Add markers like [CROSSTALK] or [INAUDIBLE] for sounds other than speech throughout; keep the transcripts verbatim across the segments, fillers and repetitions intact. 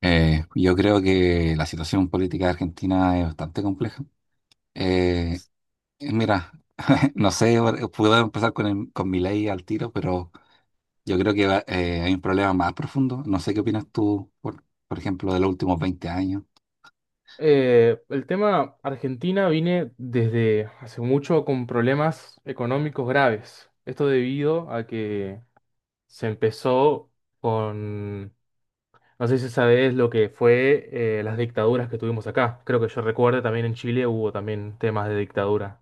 Eh, yo creo que la situación política de Argentina es bastante compleja. Eh, eh, mira, [LAUGHS] no sé, por- puedo empezar con, el- con mi ley al tiro, pero yo creo que va- eh, hay un problema más profundo. No sé qué opinas tú, por, por ejemplo, de los últimos veinte años. Eh, el tema Argentina viene desde hace mucho con problemas económicos graves. Esto debido a que se empezó con, no sé si sabes lo que fue eh, las dictaduras que tuvimos acá. Creo que yo recuerdo también en Chile hubo también temas de dictadura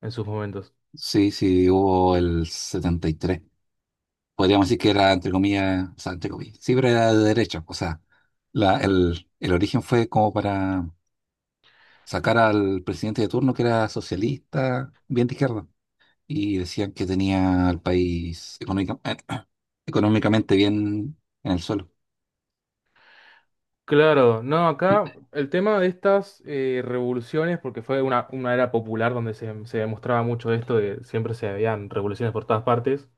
en sus momentos. Sí, sí, hubo el setenta y tres. Podríamos decir que era, entre comillas, o sea, entre comillas, siempre era de derecha. O sea, la- el, el origen fue como para sacar al presidente de turno que era socialista, bien de izquierda. Y decían que tenía al país económica- eh, económicamente bien en el suelo. Claro, no, acá el tema de estas eh, revoluciones, porque fue una, una era popular donde se, se demostraba mucho esto, de siempre se habían revoluciones por todas partes.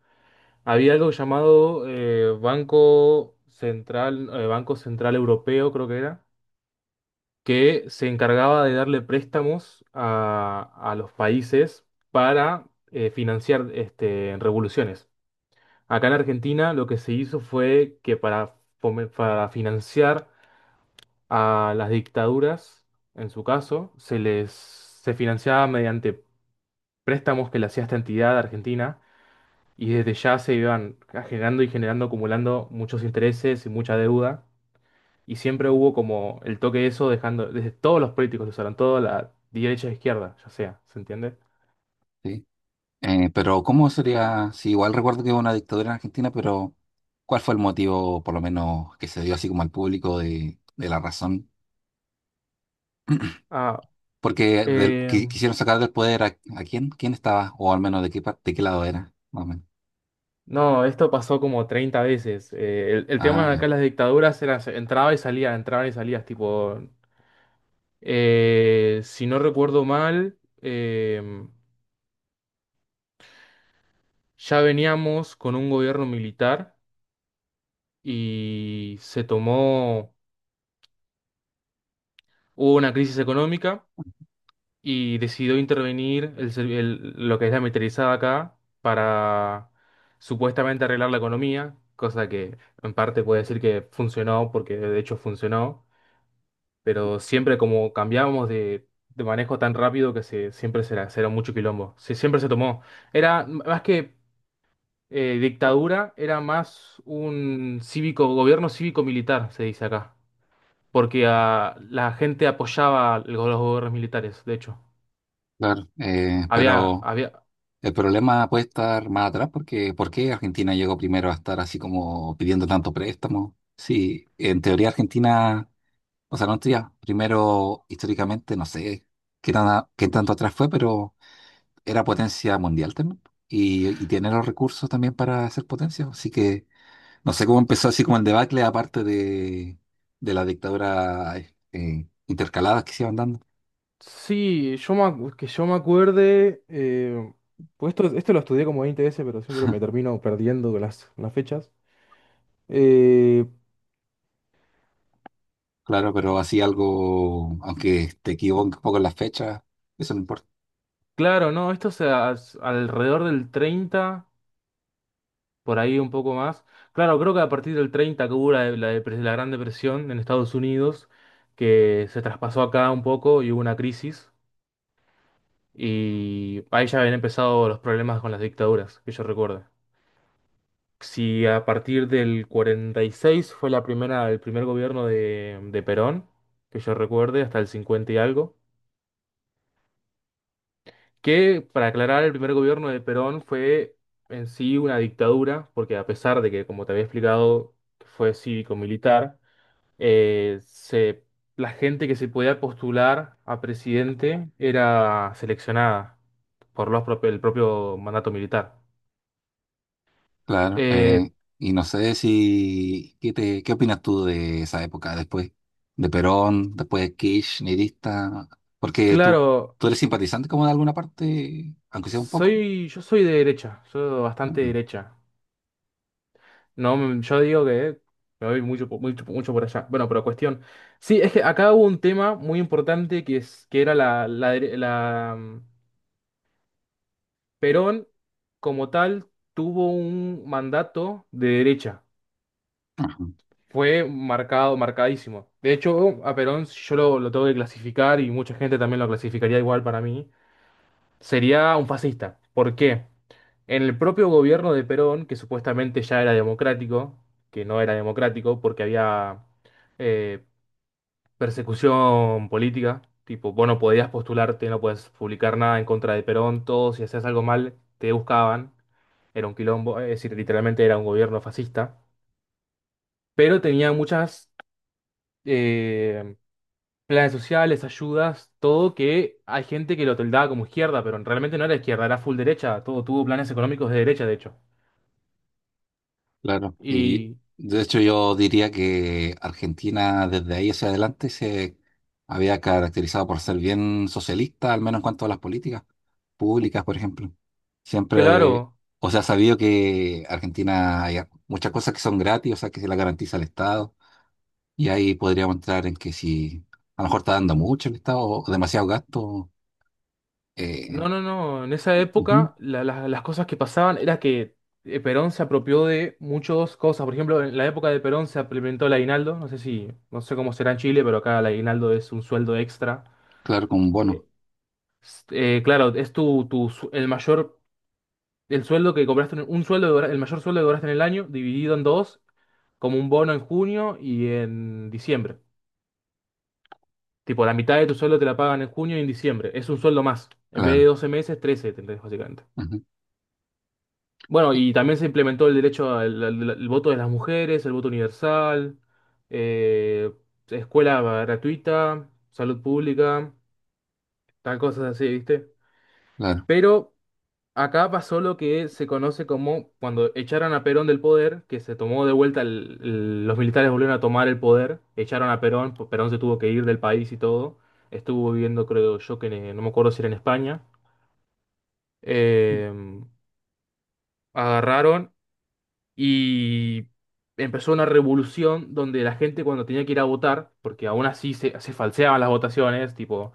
Había algo llamado eh, Banco Central, eh, Banco Central Europeo, creo que era, que se encargaba de darle préstamos a, a los países para eh, financiar este, revoluciones. Acá en Argentina lo que se hizo fue que para, fome- para financiar a las dictaduras, en su caso, se les se financiaba mediante préstamos que le hacía esta entidad argentina y desde ya se iban generando y generando, acumulando muchos intereses y mucha deuda. Y siempre hubo como el toque de eso, dejando, desde todos los políticos lo usaron, toda la derecha e izquierda, ya sea, ¿se entiende? ¿Sí? Eh, pero ¿cómo sería? Si igual recuerdo que hubo una dictadura en Argentina, pero ¿cuál fue el motivo, por lo menos, que se dio así como al público de, de la razón? [CLEARS THROAT] Ah, Porque del- eh, qui- quisieron sacar del poder a, a quién, quién estaba, o al menos de qué, par- de qué lado era, más o menos. no, esto pasó como treinta veces. Eh, el, el tema Ah, de acá ya. las dictaduras era, se- entraba y salía, entraba y salías, tipo, eh, si no recuerdo mal, eh, ya veníamos con un gobierno militar y se tomó. Hubo una crisis económica y decidió intervenir el ser- el- lo que es la militarizada acá para supuestamente arreglar la economía, cosa que en parte puede decir que funcionó, porque de hecho funcionó, pero siempre como cambiábamos de, de manejo tan rápido que se, siempre se, era se era mucho quilombo, se, siempre se tomó. Era m- más que eh, dictadura, era más un cívico, gobierno cívico-militar, se dice acá, porque ah, la gente apoyaba el- los gobiernos militares, de hecho. Claro, eh, Había, pero... había. El problema puede estar más atrás porque ¿por qué Argentina llegó primero a estar así como pidiendo tanto préstamo? Sí, en teoría Argentina, o sea, no en teoría, primero históricamente no sé qué tan, qué tanto atrás fue, pero era potencia mundial también y, y tiene los recursos también para ser potencia, así que no sé cómo empezó así como el debacle aparte de, de la dictadura eh, intercaladas que se iban dando. Sí, yo me, acu- que yo me acuerde. Eh, pues esto, esto lo estudié como veinte veces, pero siempre me termino perdiendo con las, con las fechas. Eh, Claro, pero así algo, aunque te equivoques un poco en las fechas, eso no importa. claro, no, esto se as- alrededor del treinta, por ahí un poco más. Claro, creo que a partir del treinta que hubo la, la depres- la Gran Depresión en Estados Unidos, que se traspasó acá un poco y hubo una crisis. Y ahí ya habían empezado los problemas con las dictaduras, que yo recuerdo. Si a partir del cuarenta y seis fue la primera, el primer gobierno de, de Perón, que yo recuerde, hasta el cincuenta y algo, que para aclarar, el primer gobierno de Perón fue en sí una dictadura, porque a pesar de que, como te había explicado, fue cívico-militar, eh, se- la gente que se podía postular a presidente era seleccionada por los propios- el propio mandato militar. Claro, Eh, eh, y no sé si, ¿qué te, qué opinas tú de esa época después de Perón, después de Kirchnerista? Porque tú, claro, tú eres simpatizante como de alguna parte, aunque sea un poco. Soy, yo soy de derecha, soy bastante Ajá, derecha. No, mm, yo digo que me voy mucho, po- mucho, mucho por allá. Bueno, pero cuestión. Sí, es que acá hubo un tema muy importante que es que era la, la, dere- la, mm, Perón, como tal, tuvo un mandato de derecha. ajá. Fue marcado, marcadísimo. De hecho, a Perón yo lo, lo tengo que clasificar y mucha gente también lo clasificaría igual para mí. Sería un fascista. ¿Por qué? En el propio gobierno de Perón, que supuestamente ya era democrático, que no era democrático porque había eh, persecución política, tipo, vos no podías postularte, no podías publicar nada en contra de Perón, todo, si hacías algo mal, te buscaban, era un quilombo, es decir, literalmente era un gobierno fascista, pero tenía muchas eh, planes sociales, ayudas, todo que hay gente que lo tildaba como izquierda, pero realmente no era izquierda, era full derecha, todo tuvo planes económicos de derecha, de hecho. Claro, y Y de hecho yo diría que Argentina desde ahí hacia adelante se había caracterizado por ser bien socialista, al menos en cuanto a las políticas públicas, por ejemplo. Siempre, claro. o sea, sabido que Argentina hay muchas cosas que son gratis, o sea, que se las garantiza el Estado, y ahí podríamos entrar en que si a lo mejor está dando mucho el Estado o demasiado gasto, No, eh, no, no. En esa ujú, época la- la- las cosas que pasaban era que eh, Perón se apropió de muchas cosas. Por ejemplo, en la época de Perón se implementó el aguinaldo. No sé si, no sé cómo será en Chile, pero acá el aguinaldo es un sueldo extra. claro, con Eh, bono, eh, claro, es tu, tu su- el mayor, el sueldo que cobraste, en- un sueldo, que cobra- el mayor sueldo que cobraste en el año, dividido en dos, como un bono en junio y en diciembre. Tipo, la mitad de tu sueldo te la pagan en junio y en diciembre. Es un sueldo más. En vez de claro, doce meses, trece, tendrás, básicamente. ujú, Bueno, y también se implementó el derecho al, al- al voto de las mujeres, el voto universal, eh, escuela gratuita, salud pública, tal cosas así, ¿viste? claro, Pero acá pasó lo que se conoce como cuando echaron a Perón del poder, que se tomó de vuelta, el- el- los militares volvieron a tomar el poder, echaron a Perón, pues Perón se tuvo que ir del país y todo, estuvo viviendo, creo yo, que en- no me acuerdo si era en España. Eh, Agarraron y empezó una revolución donde la gente cuando tenía que ir a votar, porque aún así se, se falseaban las votaciones, tipo,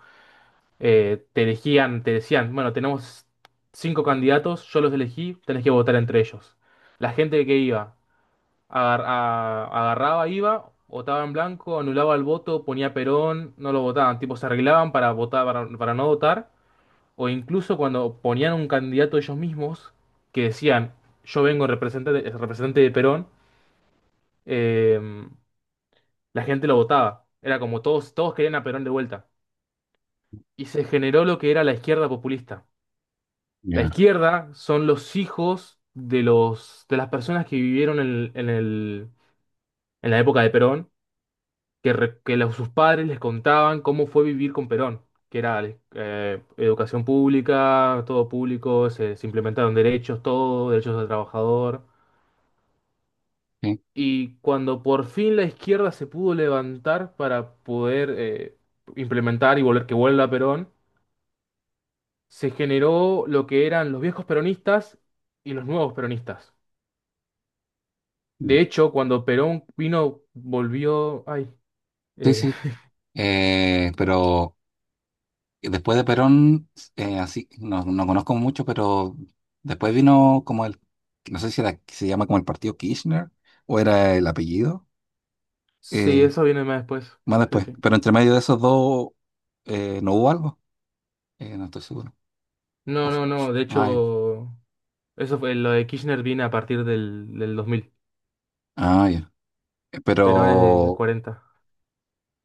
eh, te elegían, te decían, bueno, tenemos cinco candidatos, yo los elegí, tenés que votar entre ellos. La gente que iba, agar- a- agarraba, iba, votaba en blanco, anulaba el voto, ponía Perón, no lo votaban, tipo, se arreglaban para votar, para, para no votar, o incluso cuando ponían un candidato ellos mismos, que decían, yo vengo representante, representante de Perón, em, la gente lo votaba. Era como todos, todos querían a Perón de vuelta. Y se generó lo que era la izquierda populista. La ya, izquierda son los hijos de los, de las personas que vivieron en, en el- en la época de Perón, que, re- que los- sus padres les contaban cómo fue vivir con Perón, que era eh, educación pública, todo público, se, se implementaron derechos, todo, derechos del trabajador. sí, Y cuando por fin la izquierda se pudo levantar para poder eh, implementar y volver que vuelva Perón, se generó lo que eran los viejos peronistas y los nuevos peronistas. De hecho, cuando Perón vino, volvió. Ay, sí, eh, sí. Eh, pero después de Perón, eh, así, no, no conozco mucho, pero después vino como el, no sé si era, se llama como el partido Kirchner o era el apellido, [LAUGHS] sí, eh, eso viene más después. más Sí, después. sí. Pero entre medio de esos dos eh, no hubo algo. Eh, no estoy seguro. O No, fu- no, fu- no. De ah, ya. hecho, eso fue lo de Kirchner viene a partir del, del dos mil. Ah, ya. Eh, Perón es de Pero cuarenta.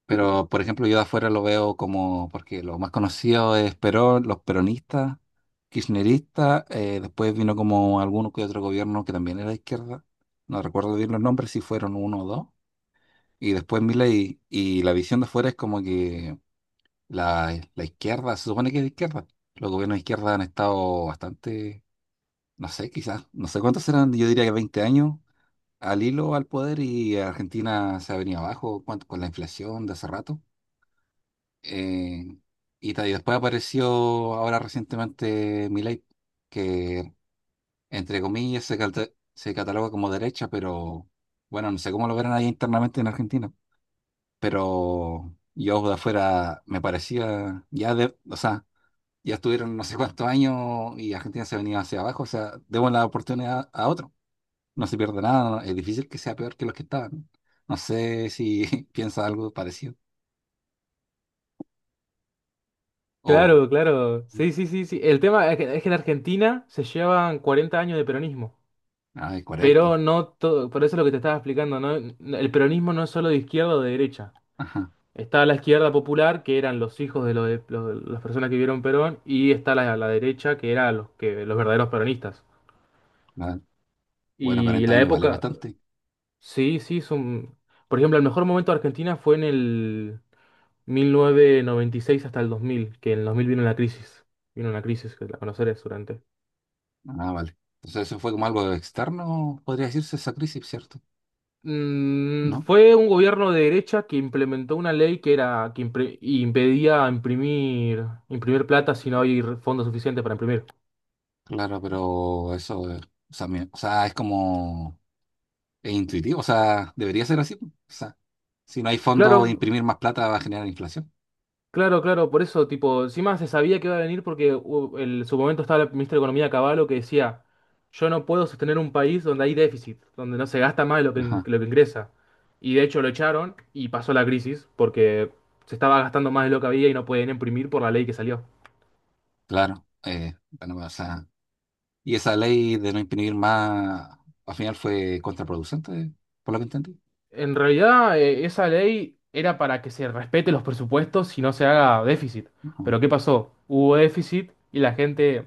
Pero, por ejemplo, yo de afuera lo veo como, porque lo más conocido es Perón, los peronistas, kirchneristas, eh, después vino como alguno que otro gobierno que también era de izquierda, no recuerdo bien los nombres, si fueron uno o dos, y después Milei, y la visión de afuera es como que la, la izquierda, se supone que es de izquierda, los gobiernos de izquierda han estado bastante, no sé, quizás, no sé cuántos eran, yo diría que veinte años al hilo al poder y Argentina se ha venido abajo cuánto- con la inflación de hace rato. Eh, y ta- y después apareció ahora recientemente Milei, que entre comillas se, calta- se cataloga como derecha, pero bueno, no sé cómo lo verán ahí internamente en Argentina. Pero yo de afuera me parecía, ya de, o sea, ya estuvieron no sé cuántos años y Argentina se venía hacia abajo, o sea, demos la oportunidad a otro. No se pierde nada, no- es difícil que sea peor que los que estaban. No sé si [LAUGHS] piensa algo parecido. O, Claro, claro. Sí, sí, sí, sí. El tema es que, es que en Argentina se llevan cuarenta años de peronismo. ah, el cuarenta. Pero no todo, por eso es lo que te estaba explicando, ¿no? El peronismo no es solo de izquierda o de derecha. Ajá. Está la izquierda popular, que eran los hijos de, lo de- lo- de las personas que vivieron Perón, y está la, la derecha, que eran los, que, los verdaderos peronistas. Claro. Bueno, Y cuarenta la años igual es época. bastante. Sí, sí. es un- Por ejemplo, el mejor momento de Argentina fue en el mil novecientos noventa y seis hasta el dos mil que en el dos mil vino una crisis. Vino una crisis, que la conocerás durante. Ah, vale. Entonces eso fue como algo externo, podría decirse esa crisis, ¿cierto? Mm, ¿No? Fue un gobierno de derecha que implementó una ley que era que impre- impedía imprimir imprimir plata si no hay re- fondos suficientes para imprimir. Claro, pero eso, eh, o sea, mi- o sea, es como es intuitivo, o sea, debería ser así, pues. O sea, si no hay fondo, Claro, imprimir más plata va a generar inflación. claro, claro, por eso, tipo, encima se sabía que iba a venir porque hu- en su momento estaba el ministro de Economía Caballo que decía, yo no puedo sostener un país donde hay déficit, donde no se gasta más de lo que, in- Ajá, lo que ingresa. Y de hecho lo echaron y pasó la crisis porque se estaba gastando más de lo que había y no podían imprimir por la ley que salió. claro. Eh, bueno, o sea, y esa ley de no imprimir más, al final fue contraproducente, por lo que entendí. En realidad, eh, esa ley era para que se respete los presupuestos y no se haga déficit. Ajá. Pero ¿qué pasó? Hubo déficit y la gente.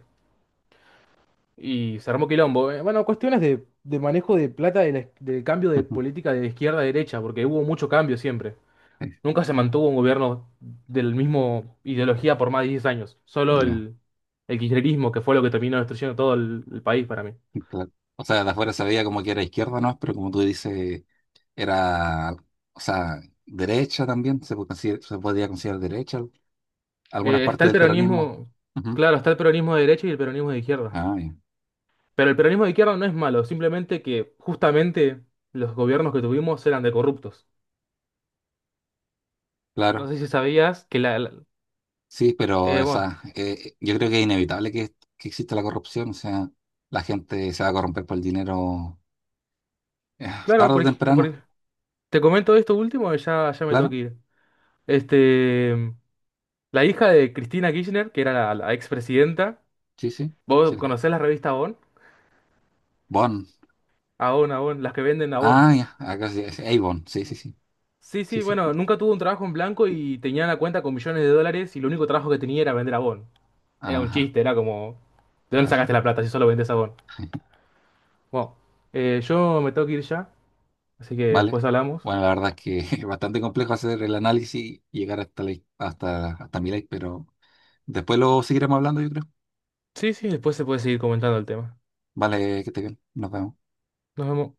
Y se armó quilombo. Eh, Bueno, cuestiones de, de manejo de plata de la- del cambio de [LAUGHS] política de izquierda a derecha, porque hubo mucho cambio siempre. Sí, Nunca se mantuvo un gobierno del mismo ideología por más de diez años. Solo ya, el, el kirchnerismo, que fue lo que terminó destruyendo todo el, el país para mí. claro. O sea, de afuera se veía como que era izquierda, ¿no? Pero como tú dices... Era, o sea, derecha también, se, po- consider- se podía considerar derecha al- algunas Eh, está partes el del peronismo. peronismo, Ujú. claro, está el peronismo de derecha y el peronismo de izquierda. Ah, ya. Pero el peronismo de izquierda no es malo, simplemente que justamente los gobiernos que tuvimos eran de corruptos. No Claro, sé si sabías que la... la- sí, pero eh, Bueno, esa, eh, yo creo que es inevitable que, que exista la corrupción, o sea, la gente se va a corromper por el dinero eh, claro, tarde o por, ej- por temprano, ej- te comento esto último y ya, ya me tengo claro, que ir. Este, la hija de Cristina Kirchner, que era la, la expresidenta, sí, sí, vos sí. conocés la revista Avon. Bon, Avon, Avon, las que venden Avon. ah, ya, acá sí, es Avon, sí, sí, sí, Sí, sí, sí, sí, bueno, nunca tuvo un trabajo en blanco y tenía una cuenta con millones de dólares y el único trabajo que tenía era vender Avon. Era un ajá, chiste, era como, ¿de dónde sacaste claro. la plata si solo vendés Avon? [LAUGHS] Bueno, eh, yo me tengo que ir ya, así que ¿Vale? después hablamos. Bueno, la verdad es que [LAUGHS] es bastante complejo hacer el análisis y llegar hasta, la, hasta, hasta mi ley, pero después lo seguiremos hablando, yo creo. Sí, sí, después se puede seguir comentando el tema. Vale, que te bien. Nos vemos. Nos vemos.